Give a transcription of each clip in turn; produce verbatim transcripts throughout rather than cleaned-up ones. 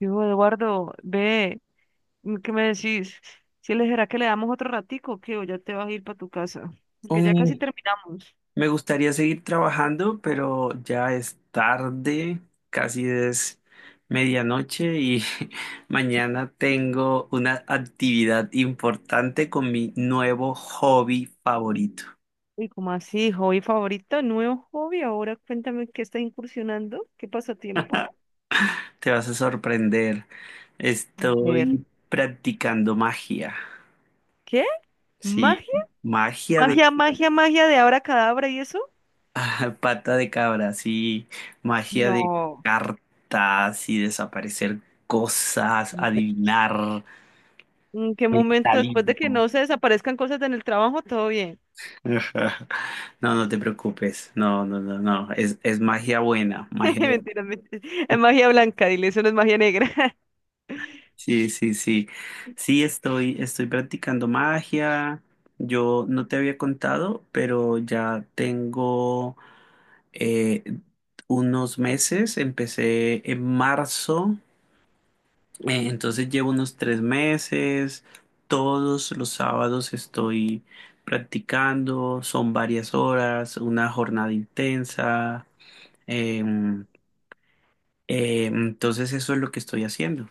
Digo, Eduardo, ve, mm, ¿qué me decís? Si le será que le damos otro ratico, o que o ya te vas a ir para tu casa, porque ya casi Uy, terminamos. me gustaría seguir trabajando, pero ya es tarde, casi es medianoche y mañana tengo una actividad importante con mi nuevo hobby favorito. Y como así, hobby favorito, nuevo hobby, ahora cuéntame qué está incursionando, qué pasatiempo. Te vas a sorprender. A ver, Estoy practicando magia. ¿qué? ¿Magia? Sí, magia de ¿Magia, magia, magia de abra cadabra y eso? pata de cabra, sí, magia de No. cartas y desaparecer cosas, adivinar. ¿En qué momento después de que Mentalismo. no se desaparezcan cosas en el trabajo, todo bien? Ajá. No, no te preocupes. No, no, no, no. Es, es magia buena, magia buena. Mentiras, mentiras. Es magia blanca, dile, eso no es magia negra. Sí, sí, sí. Sí, estoy, estoy practicando magia. Yo no te había contado, pero ya tengo eh, unos meses. Empecé en marzo, eh, entonces llevo unos tres meses. Todos los sábados estoy practicando. Son varias horas, una jornada intensa. Eh, Eh, entonces eso es lo que estoy haciendo.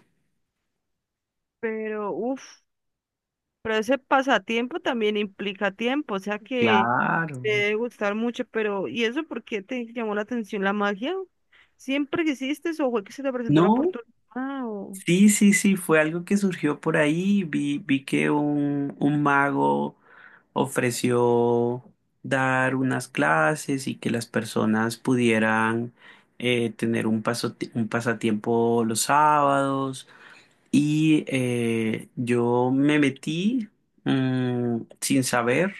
Pero, uff. Pero ese pasatiempo también implica tiempo, o sea que te Claro. debe gustar mucho, pero ¿y eso por qué te llamó la atención la magia? ¿Siempre quisiste o fue que se te presentó la No, oportunidad? O, sí, sí, sí, fue algo que surgió por ahí. Vi, vi que un, un mago ofreció dar unas clases y que las personas pudieran eh, tener un paso, un pasatiempo los sábados. Y eh, yo me metí mm, sin saber,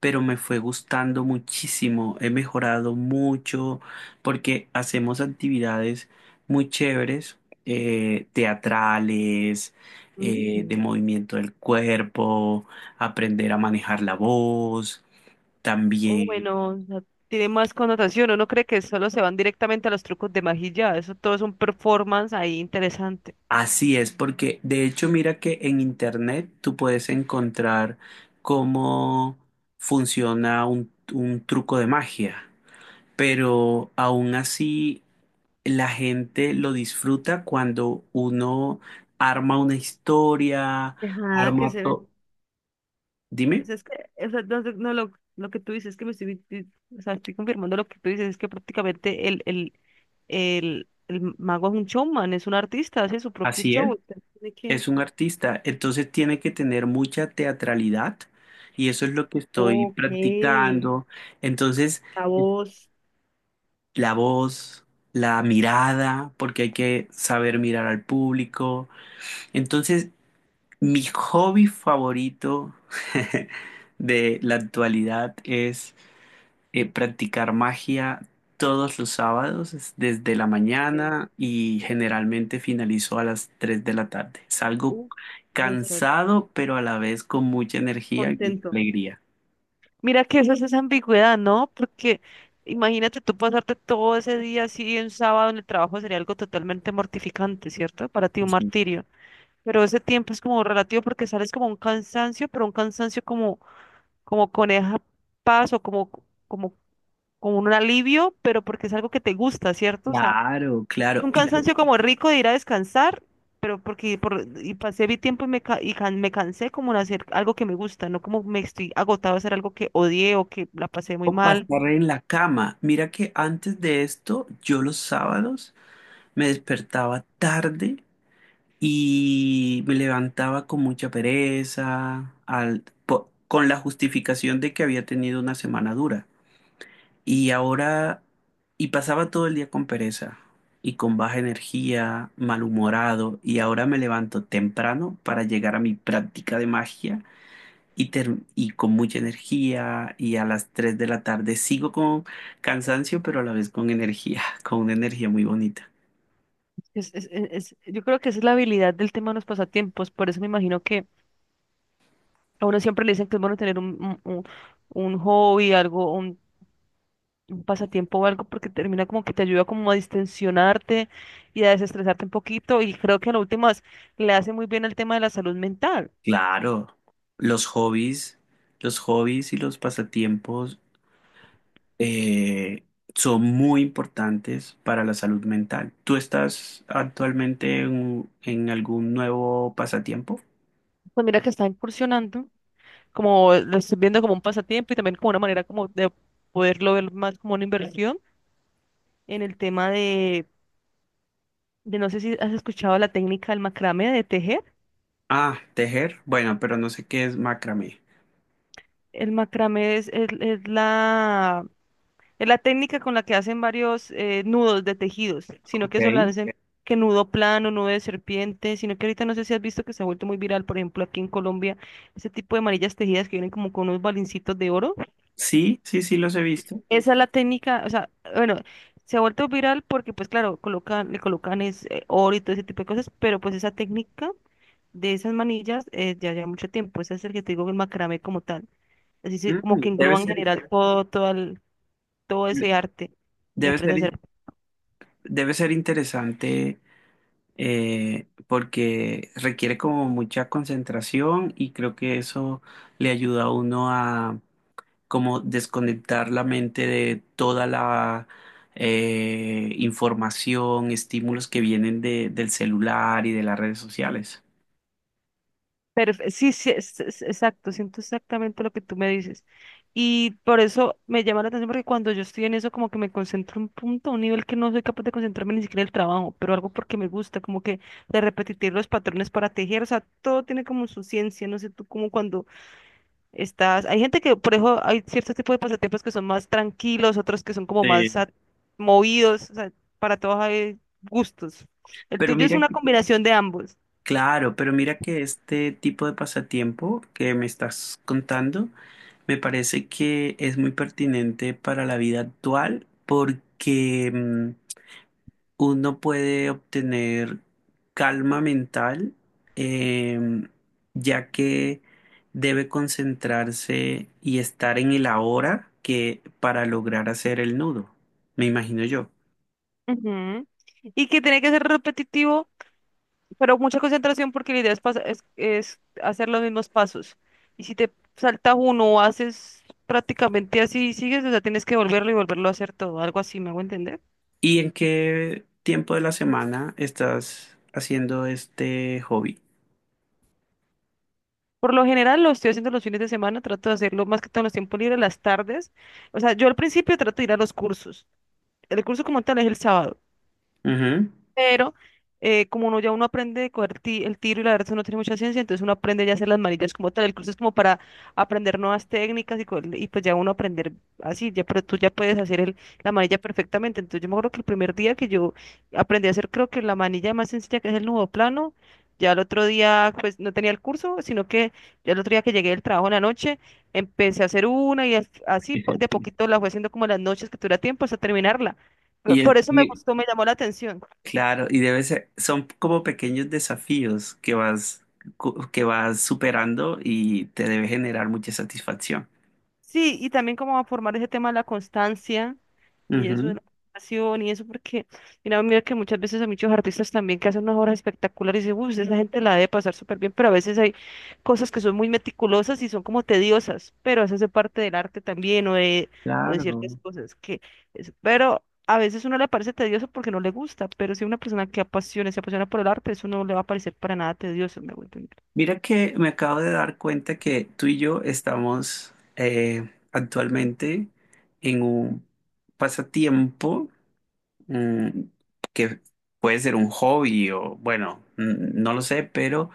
pero me fue gustando muchísimo, he mejorado mucho porque hacemos actividades muy chéveres, eh, teatrales, eh, de mm, movimiento del cuerpo, aprender a manejar la voz, o también. bueno, o sea, tiene más connotación, uno cree que solo se van directamente a los trucos de magia, y ya, eso todo es un performance ahí interesante. Así es, porque de hecho mira que en internet tú puedes encontrar cómo funciona un un truco de magia, pero aún así la gente lo disfruta cuando uno arma una historia, Ajá, que arma se... todo. Dime, Pues es que, o sea, no, no, lo, lo que tú dices es que me estoy, di- o sea, estoy confirmando lo que tú dices, es que prácticamente el, el, el, el mago es un showman, es un artista, hace su propio así show. él Entonces tiene que... es un artista, entonces tiene que tener mucha teatralidad y eso es lo que estoy Ok, practicando. Entonces, la voz. la voz, la mirada, porque hay que saber mirar al público. Entonces, mi hobby favorito de la actualidad es eh, practicar magia todos los sábados, es desde la Ok. mañana y generalmente finalizo a las tres de la tarde. Salgo Uh, de estar cansado, pero a la vez con mucha energía y mucha contento. alegría. Mira que eso es esa ambigüedad, ¿no? Porque imagínate tú pasarte todo ese día así un sábado en el trabajo sería algo totalmente mortificante, ¿cierto? Para ti un Sí. martirio. Pero ese tiempo es como relativo porque sales como un cansancio, pero un cansancio como, como coneja paz o como, como, como un alivio, pero porque es algo que te gusta, ¿cierto? O sea, Claro, claro. un Y cansancio como rico de ir a descansar, pero porque por, y pasé mi tiempo y, me, ca- y can- me cansé como de hacer algo que me gusta, no como me estoy agotado a hacer algo que odié o que la pasé muy puedo mal. pasar en la cama. Mira que antes de esto, yo los sábados me despertaba tarde y me levantaba con mucha pereza, al, po- con la justificación de que había tenido una semana dura. Y ahora, y pasaba todo el día con pereza y con baja energía, malhumorado, y ahora me levanto temprano para llegar a mi práctica de magia y, ter- y con mucha energía, y a las tres de la tarde sigo con cansancio, pero a la vez con energía, con una energía muy bonita. Es, es- es- es- yo creo que esa es la habilidad del tema de los pasatiempos, por eso me imagino que a uno siempre le dicen que es bueno tener un, un- un- un hobby, algo, un un pasatiempo o algo porque termina como que te ayuda como a distensionarte y a desestresarte un poquito y creo que en últimas le hace muy bien el tema de la salud mental. Claro, los hobbies, los hobbies y los pasatiempos eh, son muy importantes para la salud mental. ¿Tú estás actualmente en, en algún nuevo pasatiempo? Pues mira que está incursionando, como lo estoy viendo como un pasatiempo y también como una manera como de poderlo ver más como una inversión en el tema de, de no sé si has escuchado la técnica del macramé de tejer. Ah, tejer. Bueno, pero no sé qué es macramé. El macramé es, es es la... Es la técnica con la que hacen varios eh, nudos de tejidos, sino que eso lo Ok. hacen que nudo plano, nudo de serpiente, sino que ahorita no sé si has visto que se ha vuelto muy viral, por ejemplo, aquí en Colombia, ese tipo de manillas tejidas que vienen como con unos balincitos de oro. Sí, sí, sí los he visto. Esa es la técnica, o sea, bueno, se ha vuelto viral porque pues claro, colocan, le colocan es, eh, oro y todo ese tipo de cosas, pero pues esa técnica de esas manillas eh, ya lleva mucho tiempo, ese es el que te digo, el macramé como tal, así se- como Mm, que debe engloba en ser, general todo, todo, el- todo ese arte y debe ser, aprendes a hacer... debe ser interesante, eh, porque requiere como mucha concentración y creo que eso le ayuda a uno a como desconectar la mente de toda la eh, información, estímulos que vienen de- del celular y de las redes sociales. Perfe- sí, sí, es- es- exacto, siento exactamente lo que tú me dices. Y por eso me llama la atención porque cuando yo estoy en eso como que me concentro un punto, a un nivel que no soy capaz de concentrarme ni siquiera en el trabajo, pero algo porque me gusta, como que de repetir los patrones para tejer, o sea, todo tiene como su ciencia, no sé tú como cuando estás, hay gente que, por eso hay ciertos tipos de pasatiempos que son más tranquilos, otros que son como más Sí, a- movidos, o sea, para todos hay gustos. El pero tuyo es mira, una que- combinación de ambos. claro, pero mira que este tipo de pasatiempo que me estás contando me parece que es muy pertinente para la vida actual porque mm, uno puede obtener calma mental, em, ya que debe concentrarse y estar en el ahora que para lograr hacer el nudo, me imagino yo. Ujú. Y que tiene que ser repetitivo, pero mucha concentración porque la idea es, pas- es, es hacer los mismos pasos. Y si te saltas uno o haces prácticamente así y sigues, o sea, tienes que volverlo y volverlo a hacer todo, algo así, ¿me hago entender? ¿Y en qué tiempo de la semana estás haciendo este hobby? Por lo general lo estoy haciendo los fines de semana, trato de hacerlo más que todo en los tiempos libres, las tardes. O sea, yo al principio trato de ir a los cursos. El curso como tal es el sábado. Ujú. Pero eh, como uno ya uno aprende de coger ti- el tiro y la verdad uno tiene mucha ciencia, entonces uno aprende ya a hacer las manillas como tal, el curso es como para aprender nuevas técnicas y, co- y pues ya uno aprender así, ya, pero tú ya puedes hacer el, la manilla perfectamente, entonces yo me acuerdo que el primer día que yo aprendí a hacer creo que la manilla más sencilla que es el nudo plano, ya el otro día pues no tenía el curso, sino que ya el otro día que llegué del trabajo en la noche, empecé a hacer una y as- así po- de poquito la fue haciendo como en las noches que tuviera tiempo hasta terminarla. Por Y, es- por eso me y- gustó, me llamó la atención. claro, y debe ser, son como pequeños desafíos que vas, cu- que vas superando y te debe generar mucha satisfacción. Sí, y también como a formar ese tema de la constancia y eso de Ujú, la pasión y eso, porque mira, mira que muchas veces hay muchos artistas también que hacen unas obras espectaculares y dicen, uy, esa gente la debe pasar súper bien, pero a veces hay cosas que son muy meticulosas y son como tediosas, pero eso hace parte del arte también o de, o de ciertas claro. cosas que, es- pero a veces uno le parece tedioso porque no le gusta, pero si una persona que apasiona, se apasiona por el arte, eso no le va a parecer para nada tedioso, me voy a entender. Mira que me acabo de dar cuenta que tú y yo estamos eh, actualmente en un pasatiempo mm, que puede ser un hobby o bueno, mm, no lo sé, pero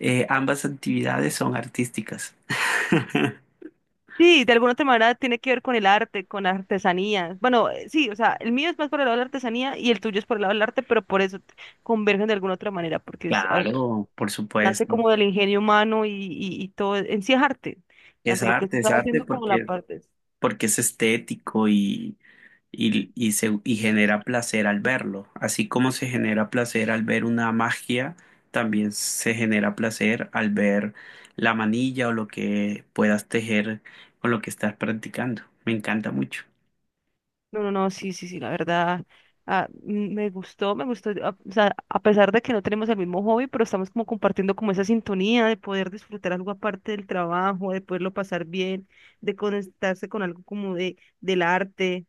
eh, ambas actividades son artísticas. Sí, de alguna otra manera tiene que ver con el arte, con la artesanía. Bueno, eh, sí, o sea, el mío es más por el lado de la artesanía y el tuyo es por el lado del arte, pero por eso t- convergen de alguna otra manera, porque es, ah, eh, Claro, por nace supuesto. como del ingenio humano y, y, y todo, en sí es arte, Es tanto lo que tú arte, es estás arte haciendo como la porque, parte. porque es estético y y, y, se, y genera placer al verlo. Así como se genera placer al ver una magia, también se genera placer al ver la manilla o lo que puedas tejer con lo que estás practicando. Me encanta mucho. No, no, no, sí, sí, sí, la verdad, ah, mm, me gustó, me gustó, a- o sea, a pesar de que no tenemos el mismo hobby, pero estamos como compartiendo como esa sintonía de poder disfrutar algo aparte del trabajo, de poderlo pasar bien, de conectarse con algo como de, del arte,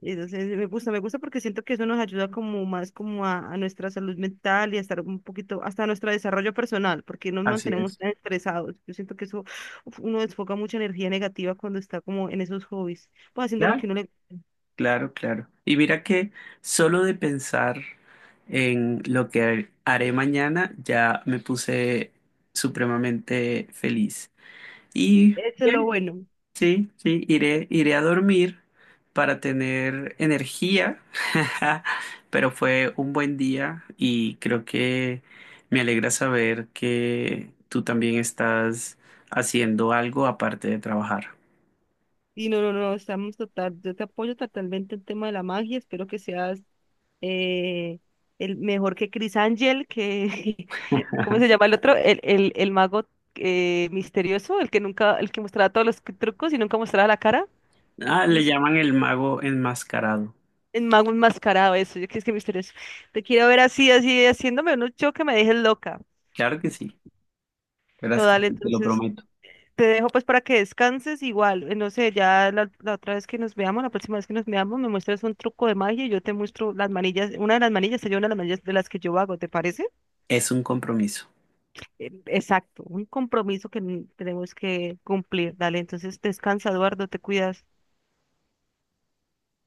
entonces me gusta, me gusta porque siento que eso nos ayuda como más como a, a nuestra salud mental y a estar un poquito, hasta a nuestro desarrollo personal, porque nos Así mantenemos es. tan estresados, yo siento que eso, uf, uno desfoca mucha energía negativa cuando está como en esos hobbies pues haciendo lo que Claro, uno le... claro, claro. Y mira que solo de pensar en lo que haré mañana ya me puse supremamente feliz. Y Eso es lo bien, bueno. sí, sí, iré, iré a dormir para tener energía, pero fue un buen día y creo que me alegra saber que tú también estás haciendo algo aparte de trabajar. Y no, no, no, estamos total, yo te apoyo totalmente el tema de la magia, espero que seas eh, el mejor que Chris Angel, que, ¿cómo se llama el otro? El, el, el mago eh, misterioso, el que nunca, el que mostraba todos los trucos y nunca mostraba la cara, Ah, no le sé qué, llaman el mago enmascarado. el mago enmascarado, eso, yo que es que misterioso. Te quiero ver así, así, haciéndome un show que me dejes loca, Claro que sí, verás que total, sí, te lo entonces... prometo. Te dejo pues para que descanses igual. eh, No sé, ya la, la otra vez que nos veamos, la próxima vez que nos veamos, me muestras un truco de magia y yo te muestro las manillas, una de las manillas, sería una de las manillas de las que yo hago, ¿te parece? Es un compromiso. Eh, Exacto, un compromiso que n- tenemos que cumplir. Dale, entonces descansa, Eduardo, te cuidas.